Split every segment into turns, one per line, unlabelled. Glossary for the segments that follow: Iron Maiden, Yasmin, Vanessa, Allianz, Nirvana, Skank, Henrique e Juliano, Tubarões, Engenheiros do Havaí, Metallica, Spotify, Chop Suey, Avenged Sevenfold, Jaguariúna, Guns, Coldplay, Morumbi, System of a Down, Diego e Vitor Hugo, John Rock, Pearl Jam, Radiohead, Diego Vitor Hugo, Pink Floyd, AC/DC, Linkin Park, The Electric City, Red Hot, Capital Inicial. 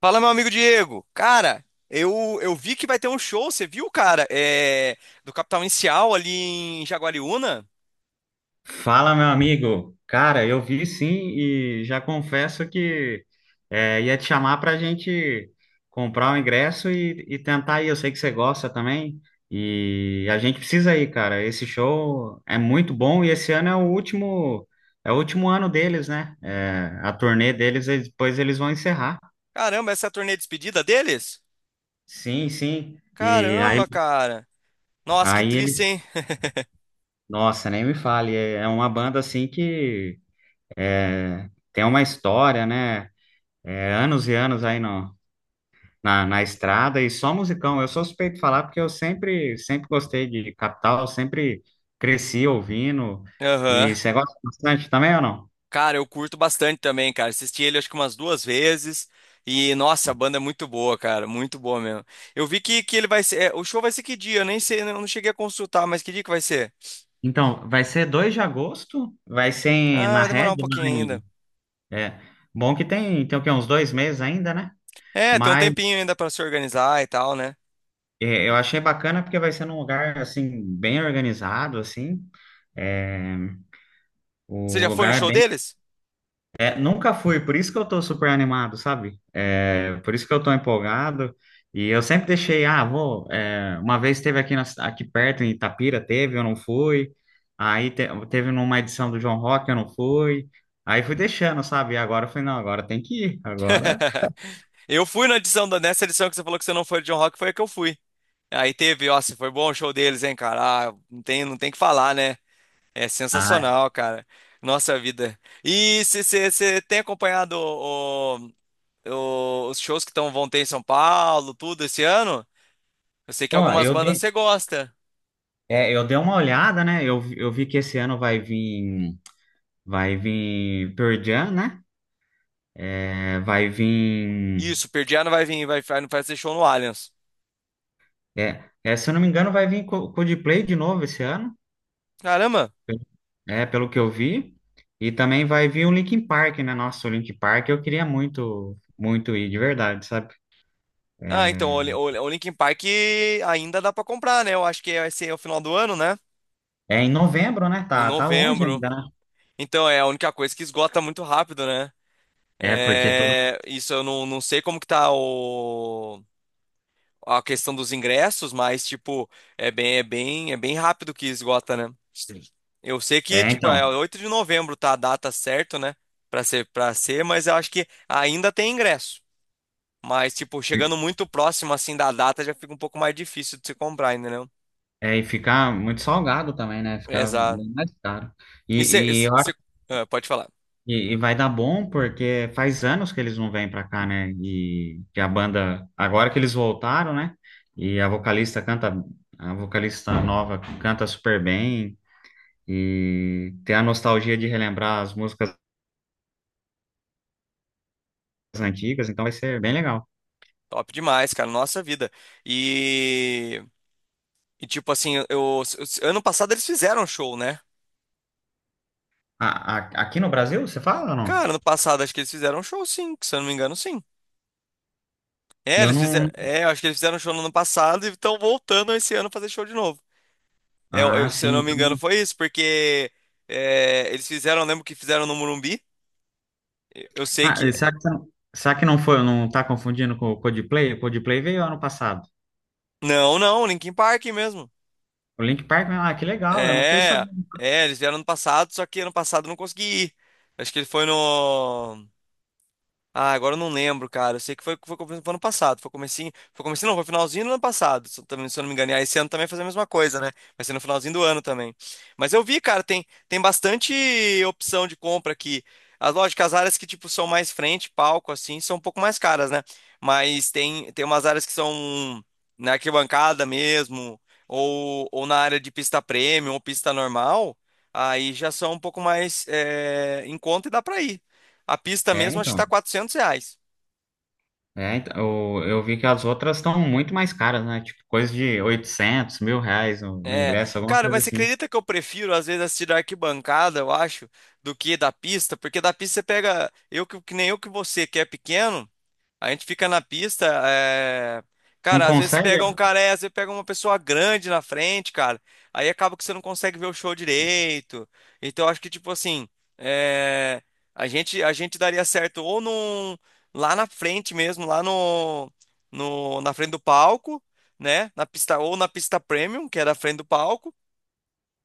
Fala, meu amigo Diego. Cara, eu vi que vai ter um show, você viu, cara? Do Capital Inicial ali em Jaguariúna?
Fala, meu amigo. Cara, eu vi sim e já confesso que ia te chamar para a gente comprar o ingresso e tentar ir. Eu sei que você gosta também e a gente precisa ir, cara. Esse show é muito bom e esse ano é é o último ano deles, né? É, a turnê deles, depois eles vão encerrar.
Caramba, essa é a turnê de despedida deles?
Sim, sim.
Caramba, cara. Nossa, que
Aí
triste, hein?
eles, nossa, nem me fale. É uma banda assim que tem uma história, né? É, anos e anos aí no, na, na estrada e só musicão. Eu sou suspeito de falar porque eu sempre gostei de Capital, sempre cresci ouvindo.
Aham.
E você gosta bastante também ou não?
Cara, eu curto bastante também, cara. Assisti ele acho que umas duas vezes. E, nossa, a banda é muito boa, cara. Muito boa mesmo. Eu vi que ele vai ser. O show vai ser que dia? Eu nem sei, eu não cheguei a consultar, mas que dia que vai ser?
Então, vai ser 2 de agosto,
Ah,
na
vai demorar
Red,
um pouquinho ainda.
é, bom que tem, tem o quê, uns dois meses ainda, né?
É, tem um
Mas
tempinho ainda pra se organizar e tal, né?
é, eu achei bacana porque vai ser num lugar, assim, bem organizado, assim, é,
Você
o
já foi no
lugar é
show
bem.
deles?
É, Nunca fui, por isso que eu tô super animado, sabe? É, por isso que eu tô empolgado. E eu sempre deixei, ah, vou. É, uma vez teve aqui, aqui perto, em Itapira, teve, eu não fui. Aí teve numa edição do João Rock, eu não fui. Aí fui deixando, sabe? E agora eu falei, não, agora tem que ir. Agora.
Eu fui na edição nessa edição que você falou que você não foi de John Rock, foi a que eu fui. Aí teve, ó, se foi bom o show deles, hein, cara? Ah, não tem, não tem que falar, né? É
Ah,
sensacional, cara. Nossa vida. E você tem acompanhado os shows que vão ter em São Paulo, tudo esse ano? Eu sei que
pô,
algumas
eu
bandas
dei,
você gosta.
é, eu dei uma olhada, né? Eu vi que esse ano vai vir Pearl Jam, né? É, vai vir.
Isso, Pearl Jam vai vir, vai fazer show no Allianz.
Se eu não me engano, vai vir Coldplay de novo esse ano.
Caramba!
É, pelo que eu vi. E também vai vir o Linkin Park, né? Nossa, o Linkin Park eu queria muito ir, de verdade, sabe?
Ah, então, o,
É,
Li- o, Li- o Linkin Park ainda dá pra comprar, né? Eu acho que vai ser o final do ano, né?
é em novembro, né?
Em
Tá, tá longe
novembro.
ainda, né?
Então, é a única coisa que esgota muito rápido, né?
É, porque todo.
É, isso eu não sei como que tá a questão dos ingressos, mas, tipo, é bem rápido que esgota, né? Sim. Eu sei que,
É,
tipo, é
então.
8 de novembro, tá a data certa, né? Pra ser, mas eu acho que ainda tem ingresso. Mas, tipo, chegando muito próximo, assim, da data, já fica um pouco mais difícil de se comprar, ainda.
É, e ficar muito salgado também, né? Ficar
Exato.
bem mais caro.
E você
E eu
pode falar.
e vai dar bom porque faz anos que eles não vêm pra cá, né? E que a banda, agora que eles voltaram, né? E a vocalista canta, a vocalista nova canta super bem e tem a nostalgia de relembrar as músicas antigas, então vai ser bem legal.
Top demais, cara. Nossa vida. E, e tipo assim, ano passado eles fizeram show, né?
Aqui no Brasil, você fala ou não?
Cara, ano passado acho que eles fizeram show, sim. Se eu não me engano, sim. É,
Eu
eles
não.
fizeram. É, eu acho que eles fizeram show no ano passado e estão voltando esse ano fazer show de novo. É,
Ah,
se eu
sim.
não me engano,
Então.
foi isso, porque eles fizeram, eu lembro que fizeram no Morumbi. Eu sei
Ah,
que.
será que não foi, não tá confundindo com o Coldplay? O Coldplay veio ano passado.
Não, não, Linkin Park mesmo.
O Link Park, ah, que legal, eu não fiquei
É,
sabendo.
é, eles vieram ano passado, só que ano passado eu não consegui ir. Acho que ele foi no. Ah, agora eu não lembro, cara. Eu sei que foi ano passado. Foi comecinho. Foi comecinho, não, foi finalzinho do ano passado. Se eu não me enganar, esse ano também vai fazer a mesma coisa, né? Vai ser no finalzinho do ano também. Mas eu vi, cara, tem bastante opção de compra aqui. As lógicas, as áreas que, tipo, são mais frente, palco, assim, são um pouco mais caras, né? Mas tem umas áreas que são na arquibancada mesmo, ou na área de pista premium ou pista normal. Aí já são um pouco mais em conta e dá pra ir. A pista
É,
mesmo acho que tá
então.
400 reais.
Eu vi que as outras estão muito mais caras, né? Tipo, coisa de 800 mil reais o
É,
ingresso, alguma
cara,
coisa
mas você
assim.
acredita que eu prefiro às vezes assistir da arquibancada, eu acho, do que da pista? Porque da pista você pega, eu que nem eu que você, que é pequeno. A gente fica na pista, é...
Não
cara, às vezes
consegue?
pega um cara, às vezes pega uma pessoa grande na frente, cara. Aí acaba que você não consegue ver o show direito. Então eu acho que tipo assim, é, a gente daria certo ou num... lá na frente mesmo, lá no... no na frente do palco, né? Na pista ou na pista premium, que é da frente do palco.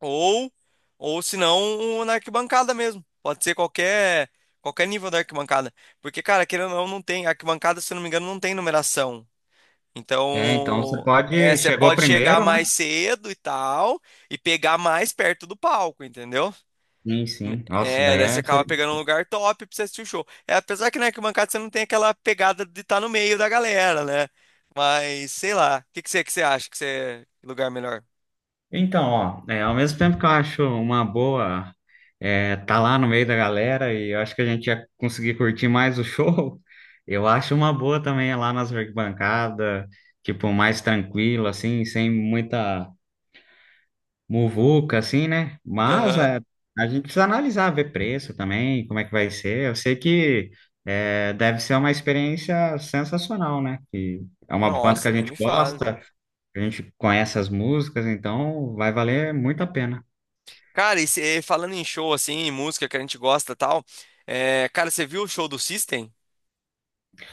Ou, ou se não, um na arquibancada mesmo. Pode ser qualquer nível da arquibancada. Porque, cara, querendo ou não, não tem. Arquibancada, se eu não me engano, não tem numeração.
É, então você
Então,
pode.
você
Chegou
pode chegar
primeiro, né?
mais cedo e tal, e pegar mais perto do palco, entendeu?
Sim, sim. Nossa,
É,
daí
daí você acaba pegando um lugar top pra você assistir o show. É, apesar que na arquibancada você não tem aquela pegada de estar no meio da galera, né? Mas, sei lá. O que que você acha que você. Lugar melhor?
então, ó, é, ao mesmo tempo que eu acho uma boa tá lá no meio da galera e eu acho que a gente ia conseguir curtir mais o show, eu acho uma boa também é lá nas arquibancadas, tipo, mais tranquilo, assim, sem muita muvuca, assim, né? Mas
Aham.
é, a gente precisa analisar, ver preço também, como é que vai ser. Eu sei que deve ser uma experiência sensacional, né? Que é uma banda que
Nossa,
a
nem
gente
me fala.
gosta, a gente conhece as músicas, então vai valer muito a pena.
Cara, falando em show, assim, em música que a gente gosta e tal, cara, você viu o show do System?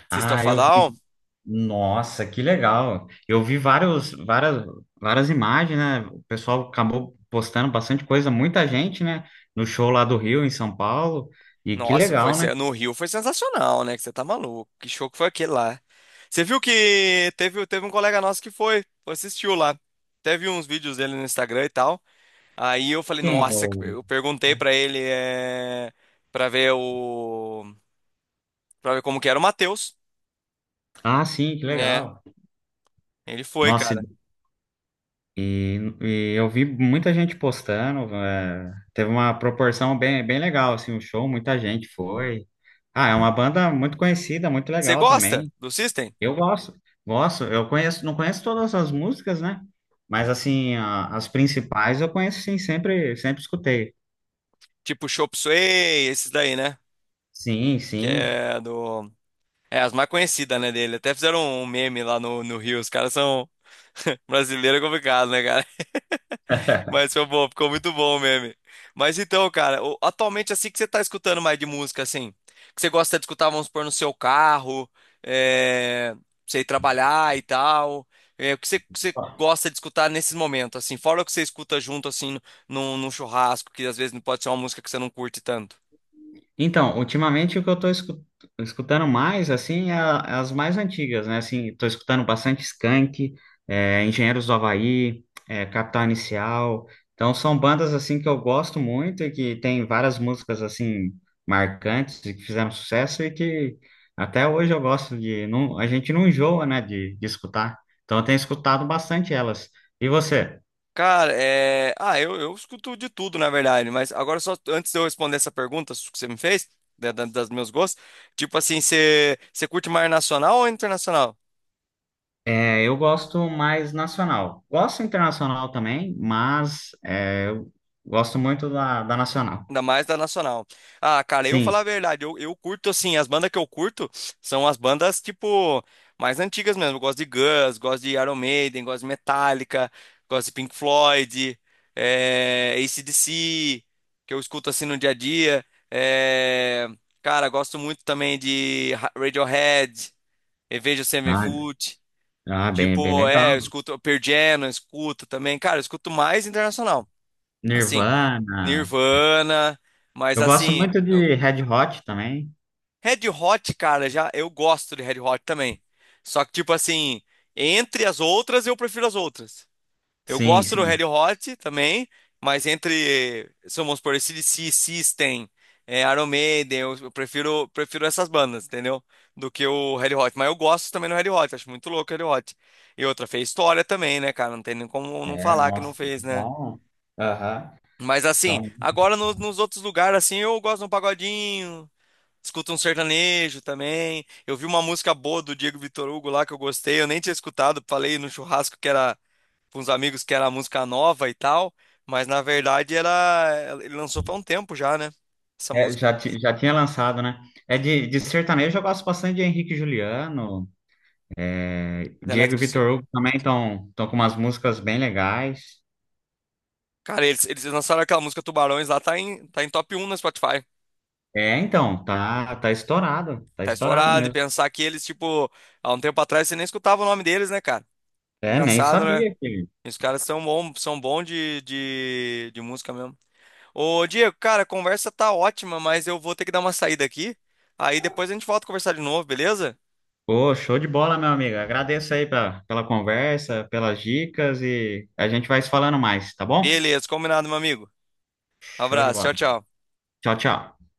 System of
Ah,
a
eu vi.
Down?
Nossa, que legal! Eu vi várias imagens, né? O pessoal acabou postando bastante coisa, muita gente, né? No show lá do Rio, em São Paulo. E que
Nossa,
legal, né?
no Rio foi sensacional, né? Que você tá maluco. Que show que foi aquele lá. Você viu que teve um colega nosso que foi assistiu lá. Teve uns vídeos dele no Instagram e tal. Aí eu falei,
Quem?
nossa, eu perguntei pra ele. pra ver o, Pra ver como que era o Matheus.
Ah, sim, que
É,
legal.
ele foi,
Nossa,
cara.
e eu vi muita gente postando, é, teve uma proporção bem legal, assim, o show, muita gente foi. Ah, é uma banda muito conhecida, muito
Você
legal
gosta
também.
do System?
Eu gosto, gosto, eu conheço, não conheço todas as músicas, né? Mas, assim, as principais eu conheço, sim, sempre escutei.
Tipo Chop Suey, esses daí, né?
Sim,
Que
sim.
é do. É, as mais conhecidas, né, dele. Até fizeram um meme lá no Rio. Os caras são. Brasileiro é complicado, né, cara? Mas foi bom, ficou muito bom o meme. Mas então, cara, atualmente assim que você tá escutando mais de música, assim, que você gosta de escutar, vamos supor, no seu carro, pra você ir trabalhar e tal, que você gosta de escutar nesses momentos, assim, fora o que você escuta junto, assim, num churrasco, que às vezes não pode ser uma música que você não curte tanto.
Então, ultimamente o que eu escutando mais, assim, é é as mais antigas, né? Assim, tô escutando bastante Skank, é, Engenheiros do Havaí, é, Capital Inicial. Então, são bandas, assim, que eu gosto muito e que tem várias músicas, assim, marcantes e que fizeram sucesso e que até hoje eu gosto de... Não, a gente não enjoa, né, de escutar. Então, eu tenho escutado bastante elas. E você?
Cara, ah, eu escuto de tudo, na verdade, mas agora só antes de eu responder essa pergunta que você me fez, das meus gostos, tipo assim, você curte mais nacional ou internacional?
É, eu gosto mais nacional. Gosto internacional também, mas eu gosto muito da nacional.
Ainda mais da Nacional. Ah, cara, eu vou
Sim.
falar a verdade. Eu curto, assim, as bandas que eu curto são as bandas, tipo, mais antigas mesmo. Eu gosto de Guns, gosto de Iron Maiden, gosto de Metallica, gosto de Pink Floyd, AC/DC, que eu escuto, assim, no dia a dia. É, cara, gosto muito também de Radiohead, Avenged
Ah,
Sevenfold.
bem, bem
Tipo,
legal.
eu escuto Pearl Jam, eu escuto também. Cara, eu escuto mais internacional. Assim.
Nirvana.
Nirvana, mas
Eu gosto
assim,
muito de Red Hot também.
Red Hot, cara, já eu gosto de Red Hot também. Só que tipo assim, entre as outras eu prefiro as outras. Eu
Sim,
gosto do
sim.
Red Hot também, mas entre, se vamos supor, AC/DC, System, Iron Maiden, eu prefiro essas bandas, entendeu? Do que o Red Hot, mas eu gosto também do Red Hot, acho muito louco o Red Hot. E outra fez história também, né, cara? Não tem nem como não
É,
falar que não
nossa,
fez, né?
são. Aham.
Mas assim,
São.
agora nos outros lugares, assim, eu gosto de um pagodinho, escuto um sertanejo também. Eu vi uma música boa do Diego Vitor Hugo lá que eu gostei, eu nem tinha escutado, falei no churrasco que era com uns amigos que era a música nova e tal, mas na verdade era. Ele lançou faz um tempo já, né? Essa
É,
música,
já, já tinha lançado, né? É de sertanejo, eu gosto bastante de Henrique e Juliano. É,
The
Diego e
Electric City.
Vitor Hugo também estão com umas músicas bem legais.
Cara, eles lançaram aquela música Tubarões lá, tá em top 1 na Spotify.
É, então, tá, tá
Tá
estourado
estourado, e
mesmo.
pensar que eles, tipo, há um tempo atrás você nem escutava o nome deles, né, cara?
É, nem
Engraçado, né?
sabia que.
E os caras são bom de música mesmo. Ô, Diego, cara, a conversa tá ótima, mas eu vou ter que dar uma saída aqui. Aí depois a gente volta a conversar de novo, beleza?
Pô, show de bola, meu amigo. Agradeço aí pela, pela conversa, pelas dicas e a gente vai se falando mais, tá bom?
Beleza, combinado, meu amigo.
Show de
Abraço,
bola.
tchau, tchau.
Tchau, tchau.